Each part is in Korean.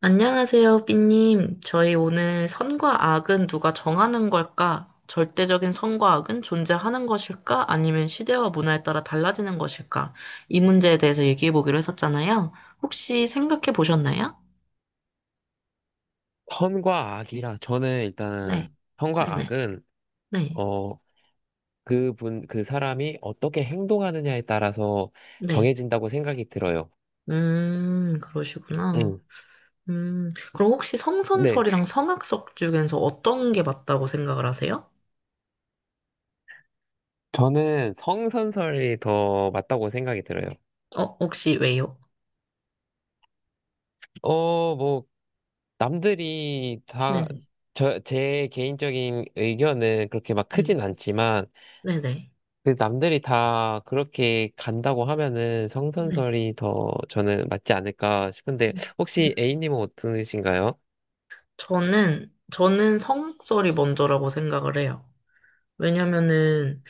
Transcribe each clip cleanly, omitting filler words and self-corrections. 안녕하세요, 삐님. 저희 오늘 선과 악은 누가 정하는 걸까? 절대적인 선과 악은 존재하는 것일까? 아니면 시대와 문화에 따라 달라지는 것일까? 이 문제에 대해서 얘기해 보기로 했었잖아요. 혹시 생각해 보셨나요? 선과 악이라, 저는 네, 일단은 선과 네네, 악은 네, 네. 어 그분 그 사람이 어떻게 행동하느냐에 따라서 네. 정해진다고 생각이 들어요. 그러시구나. 음. 그럼 혹시 네. 성선설이랑 성악설 중에서 어떤 게 맞다고 생각을 하세요? 저는 성선설이 더 맞다고 생각이 들어요. 혹시 왜요? 뭐 남들이 다 네네, 제 개인적인 의견은 그렇게 막 네, 크진 않지만 네네, 네. 그 남들이 다 그렇게 간다고 하면은 네, 네. 성선설이 더 저는 맞지 않을까 싶은데, 음, 음. 혹시 A님은 어떠신가요? 저는 성악설이 먼저라고 생각을 해요. 왜냐면은,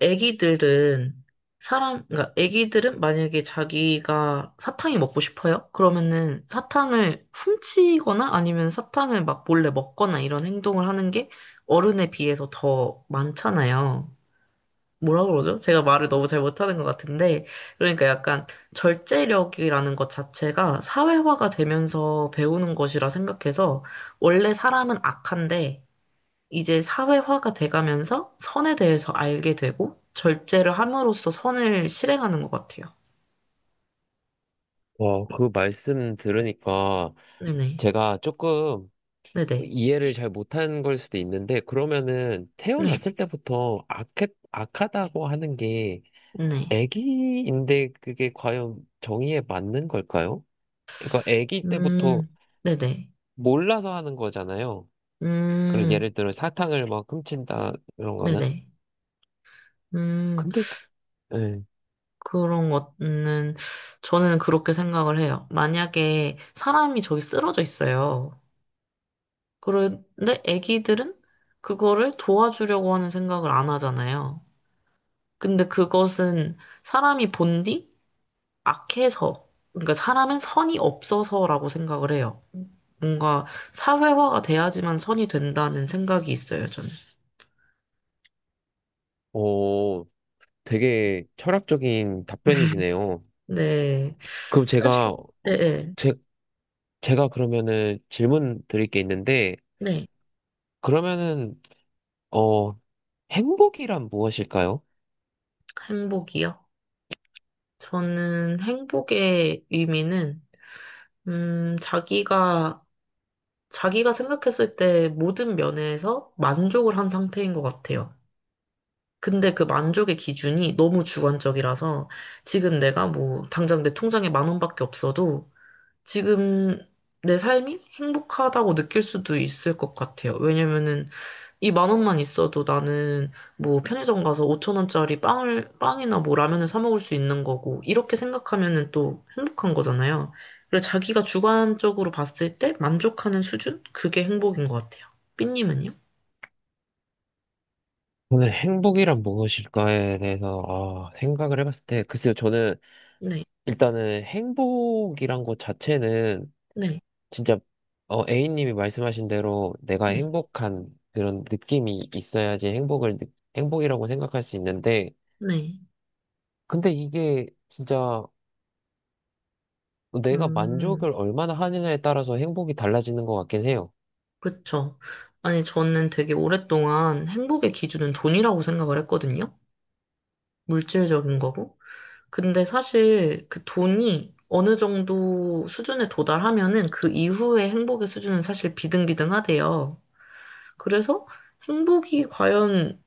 애기들은, 그러니까 애기들은 만약에 자기가 사탕이 먹고 싶어요? 그러면은 사탕을 훔치거나 아니면 사탕을 막 몰래 먹거나 이런 행동을 하는 게 어른에 비해서 더 많잖아요. 뭐라 그러죠? 제가 말을 너무 잘 못하는 것 같은데, 그러니까 약간 절제력이라는 것 자체가 사회화가 되면서 배우는 것이라 생각해서, 원래 사람은 악한데, 이제 사회화가 돼가면서 선에 대해서 알게 되고, 절제를 함으로써 선을 실행하는 것 같아요. 그 말씀 들으니까 네네. 제가 조금 네네. 이해를 잘 못한 걸 수도 있는데, 그러면은 네. 태어났을 때부터 악하다고 하는 게 네. 애기인데, 그게 과연 정의에 맞는 걸까요? 그러니까 애기 때부터 음, 네네. 몰라서 하는 거잖아요. 그럼 음, 예를 들어 사탕을 막 훔친다, 이런 거는. 네네. 음. 근데, 예, 그런 거는 저는 그렇게 생각을 해요. 만약에 사람이 저기 쓰러져 있어요. 그런데 아기들은 그거를 도와주려고 하는 생각을 안 하잖아요. 근데 그것은 사람이 본디 악해서, 그러니까 사람은 선이 없어서라고 생각을 해요. 뭔가 사회화가 돼야지만 선이 된다는 생각이 있어요, 저는. 어, 되게 철학적인 답변이시네요. 네. 그럼 사실, 네, 네. 제, 제가 그러면은 질문 드릴 게 있는데, 네. 그러면은, 어, 행복이란 무엇일까요? 행복이요? 저는 행복의 의미는, 음, 자기가, 자기가 생각했을 때 모든 면에서 만족을 한 상태인 것 같아요. 근데 그 만족의 기준이 너무 주관적이라서 지금 내가 뭐, 당장 내 통장에 만 원밖에 없어도 지금 내 삶이 행복하다고 느낄 수도 있을 것 같아요. 왜냐면은 이 만 원만 있어도 나는 뭐 편의점 가서 5천 원짜리 빵이나 뭐 라면을 사 먹을 수 있는 거고, 이렇게 생각하면은 또 행복한 거잖아요. 그래서 자기가 주관적으로 봤을 때 만족하는 수준? 그게 행복인 것 같아요. 삐님은요? 저는 행복이란 무엇일까에 대해서, 아, 생각을 해봤을 때, 글쎄요, 저는 네, 일단은 행복이란 것 자체는 네, 진짜, 어, A님이 말씀하신 대로 내가 네, 행복한 그런 느낌이 있어야지 행복이라고 생각할 수 있는데, 네. 근데 이게 진짜 내가 음, 만족을 얼마나 하느냐에 따라서 행복이 달라지는 것 같긴 해요. 그쵸. 아니, 저는 되게 오랫동안 행복의 기준은 돈이라고 생각을 했거든요. 물질적인 거고. 근데 사실 그 돈이 어느 정도 수준에 도달하면은 그 이후의 행복의 수준은 사실 비등비등하대요. 그래서 행복이 과연,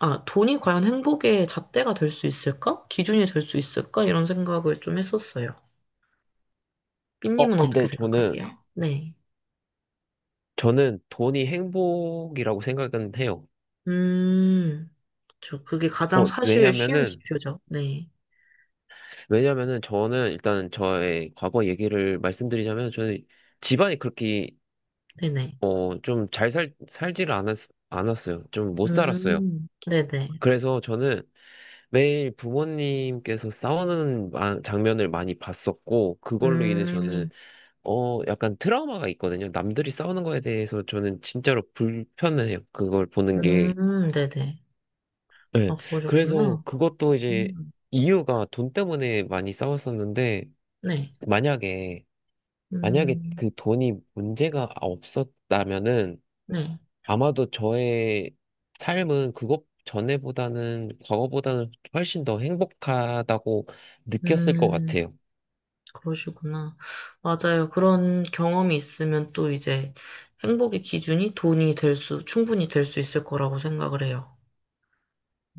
돈이 과연 행복의 잣대가 될 수 있을까? 기준이 될 수 있을까? 이런 생각을 좀 했었어요. 삐님은 어떻게 근데 생각하세요? 네. 저는 돈이 행복이라고 생각은 해요. 음, 저 그게 가장 사실 쉬운 왜냐면은, 지표죠. 네. 왜냐면은 저는 일단 저의 과거 얘기를 말씀드리자면, 저는 집안이 그렇게, 네네. 어, 좀 않았어요. 좀 못 살았어요. 네네. 그래서 저는 매일 부모님께서 싸우는 장면을 많이 봤었고, 그걸로 인해 저는, 음, 어, 약간 트라우마가 있거든요. 남들이 싸우는 거에 대해서 저는 진짜로 불편해요. 그걸 보는 게. 네네. 네. 아, 그래서 그러셨구나. 그것도 이제 음. 이유가 돈 때문에 많이 싸웠었는데, 네. 만약에, 만약에 음, 그 돈이 문제가 없었다면은, 네. 아마도 저의 삶은 과거보다는 훨씬 더 행복하다고 느꼈을 것 음, 같아요. 그러시구나. 맞아요. 그런 경험이 있으면 또 이제 행복의 기준이 돈이 될 충분히 될 수 있을 거라고 생각을 해요.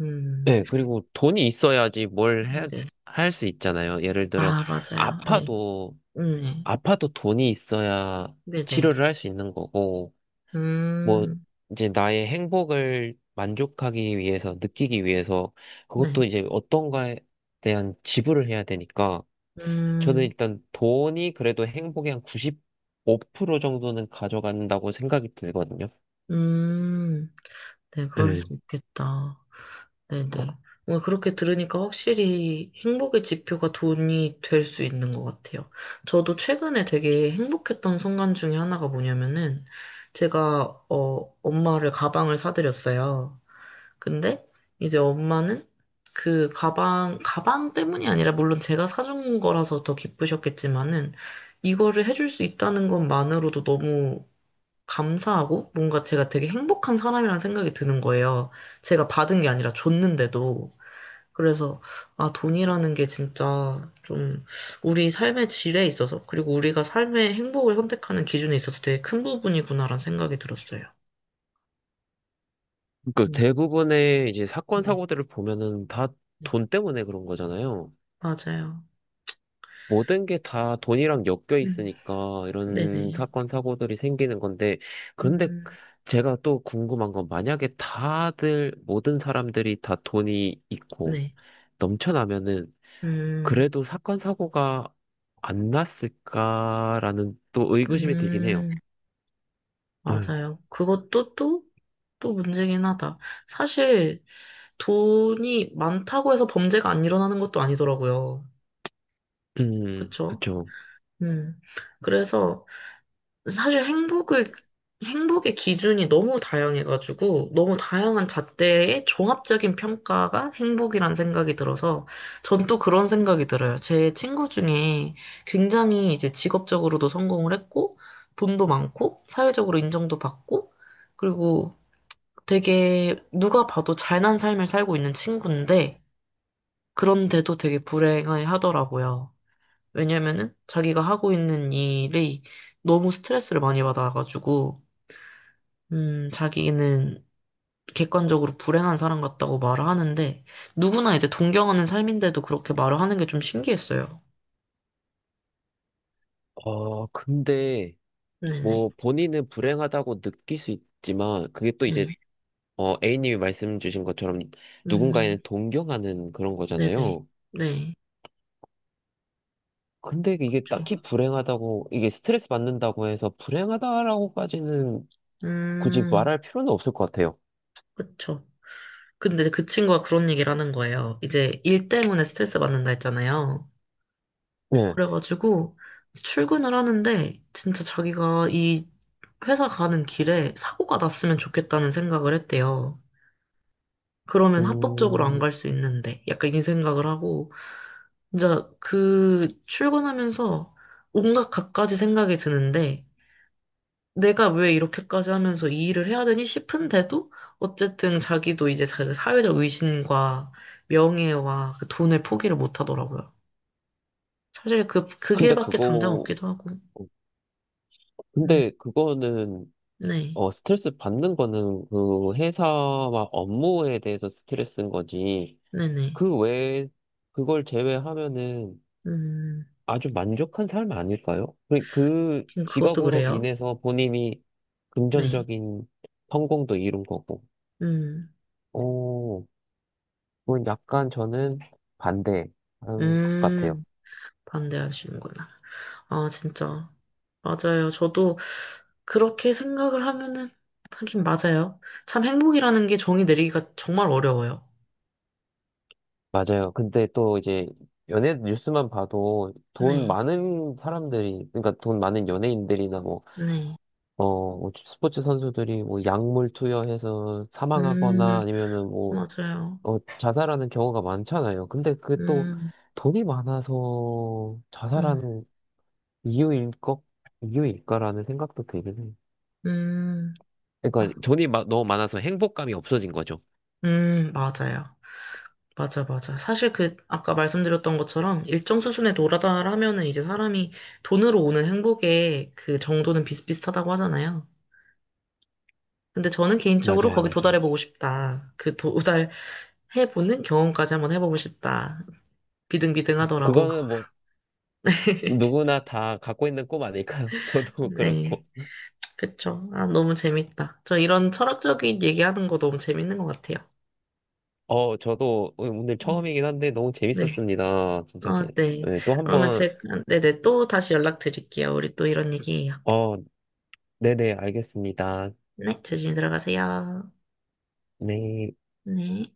음, 네, 그리고 돈이 있어야지 네네. 할 수 있잖아요. 예를 들어, 아, 맞아요. 네. 아파도, 네. 아파도 돈이 있어야 네네. 치료를 할 수 있는 거고, 뭐 음, 이제 나의 행복을 만족하기 위해서, 느끼기 위해서 네. 그것도 이제 어떤가에 대한 지불을 해야 되니까, 저는 음, 일단 돈이 그래도 행복의 한 95% 정도는 가져간다고 생각이 들거든요. 음, 네. 그럴 수 네. 있겠다. 네네. 오늘 그렇게 들으니까 확실히 행복의 지표가 돈이 될 수 있는 것 같아요. 저도 최근에 되게 행복했던 순간 중에 하나가 뭐냐면은 제가 엄마를 가방을 사드렸어요. 근데 이제 엄마는 그 가방 때문이 아니라 물론 제가 사준 거라서 더 기쁘셨겠지만은 이거를 해줄 수 있다는 것만으로도 너무 감사하고 뭔가 제가 되게 행복한 사람이라는 생각이 드는 거예요. 제가 받은 게 아니라 줬는데도. 그래서, 돈이라는 게 진짜 좀 우리 삶의 질에 있어서, 그리고 우리가 삶의 행복을 선택하는 기준에 있어서 되게 큰 부분이구나라는 생각이 들었어요. 그러니까 음, 대부분의 이제 사건 네, 사고들을 보면은 다 네, 돈 때문에 그런 거잖아요. 맞아요. 모든 게 다 돈이랑 엮여 음, 있으니까 이런 네네. 사건, 사고들이 생기는 건데, 그런데 음, 제가 또 궁금한 건, 만약에 다들, 모든 사람들이 다 돈이 있고 네. 넘쳐나면은 음, 그래도 사건, 사고가 안 났을까라는 또 의구심이 들긴 해요. 음, 음, 맞아요. 그것도 또 문제긴 하다. 사실 돈이 많다고 해서 범죄가 안 일어나는 것도 아니더라고요. 그쵸? 그쵸. 음. 그래서 사실 행복의 기준이 너무 다양해가지고, 너무 다양한 잣대의 종합적인 평가가 행복이란 생각이 들어서, 전 또 그런 생각이 들어요. 제 친구 중에 굉장히 이제 직업적으로도 성공을 했고, 돈도 많고, 사회적으로 인정도 받고, 그리고 되게 누가 봐도 잘난 삶을 살고 있는 친구인데, 그런데도 되게 불행해 하더라고요. 왜냐면은 자기가 하고 있는 일이 너무 스트레스를 많이 받아가지고, 자기는 객관적으로 불행한 사람 같다고 말을 하는데, 누구나 이제 동경하는 삶인데도 그렇게 말을 하는 게 좀 신기했어요. 근데 네네. 뭐 본인은 불행하다고 느낄 수 있지만, 그게 또 이제 네. 어, A님이 말씀 주신 것처럼 누군가에는 음, 동경하는 그런 네네. 거잖아요. 네. 근데 이게 그쵸. 딱히 불행하다고, 이게 스트레스 받는다고 해서 불행하다라고까지는 굳이 음, 말할 필요는 없을 것 같아요. 그쵸. 근데 그 친구가 그런 얘기를 하는 거예요. 이제 일 때문에 스트레스 받는다 했잖아요. 네. 그래가지고 출근을 하는데, 진짜 자기가 이 회사 가는 길에 사고가 났으면 좋겠다는 생각을 했대요. 그러면 합법적으로 안 음, 갈 수 있는데 약간 이 생각을 하고 진짜 그 출근하면서 온갖 갖가지 생각이 드는데 내가 왜 이렇게까지 하면서 이 일을 해야 되니 싶은데도 어쨌든 자기도 이제 사회적 의신과 명예와 그 돈을 포기를 못 하더라고요. 사실 그 근데 길밖에 당장 그거, 없기도 하고. 음, 근데 그거는, 네, 스트레스 받는 거는 그 회사와 업무에 대해서 스트레스인 거지. 네네. 그 외에, 그걸 제외하면은 음, 아주 만족한 삶 아닐까요? 그 그것도 직업으로 그래요. 인해서 본인이 네. 금전적인 성공도 이룬 거고, 음, 오, 그건 약간 저는 반대한 것 같아요. 음. 반대하시는구나. 아, 진짜. 맞아요. 저도 그렇게 생각을 하면은, 하긴 맞아요. 참 행복이라는 게 정의 내리기가 정말 어려워요. 맞아요. 근데 또 이제 연예 뉴스만 봐도 돈 네, 많은 사람들이, 그러니까 돈 많은 연예인들이나 뭐, 네. 뭐 스포츠 선수들이 뭐 약물 투여해서 음, 사망하거나 아니면은 뭐 맞아요. 자살하는 경우가 많잖아요. 근데 그게 또 음, 돈이 많아서 음, 자살하는 이유일 것, 이유일까라는 생각도 들긴 해요. 음, 아, 그러니까 돈이 너무 많아서 행복감이 없어진 거죠. 맞아요. 맞아, 맞아. 사실 그, 아까 말씀드렸던 것처럼 일정 수준에 도달하면은 이제 사람이 돈으로 오는 행복의 그 정도는 비슷비슷하다고 하잖아요. 근데 저는 개인적으로 맞아요, 거기 맞아요. 도달해보고 싶다. 그 해보는 경험까지 한번 해보고 싶다. 비등비등하더라도. 그거는 뭐 누구나 다 갖고 있는 꿈 아닐까요? 저도 네, 그렇고. 그쵸. 아, 너무 재밌다. 저 이런 철학적인 얘기하는 거 너무 재밌는 것 같아요. 어, 저도 오늘 음, 처음이긴 한데 너무 네. 재밌었습니다. 진짜 아, 재. 네. 네, 또 그러면 한번 네네. 또 다시 연락드릴게요. 우리 또 이런 얘기예요. 어, 네네, 알겠습니다. 네, 조심히 들어가세요. 네. 네.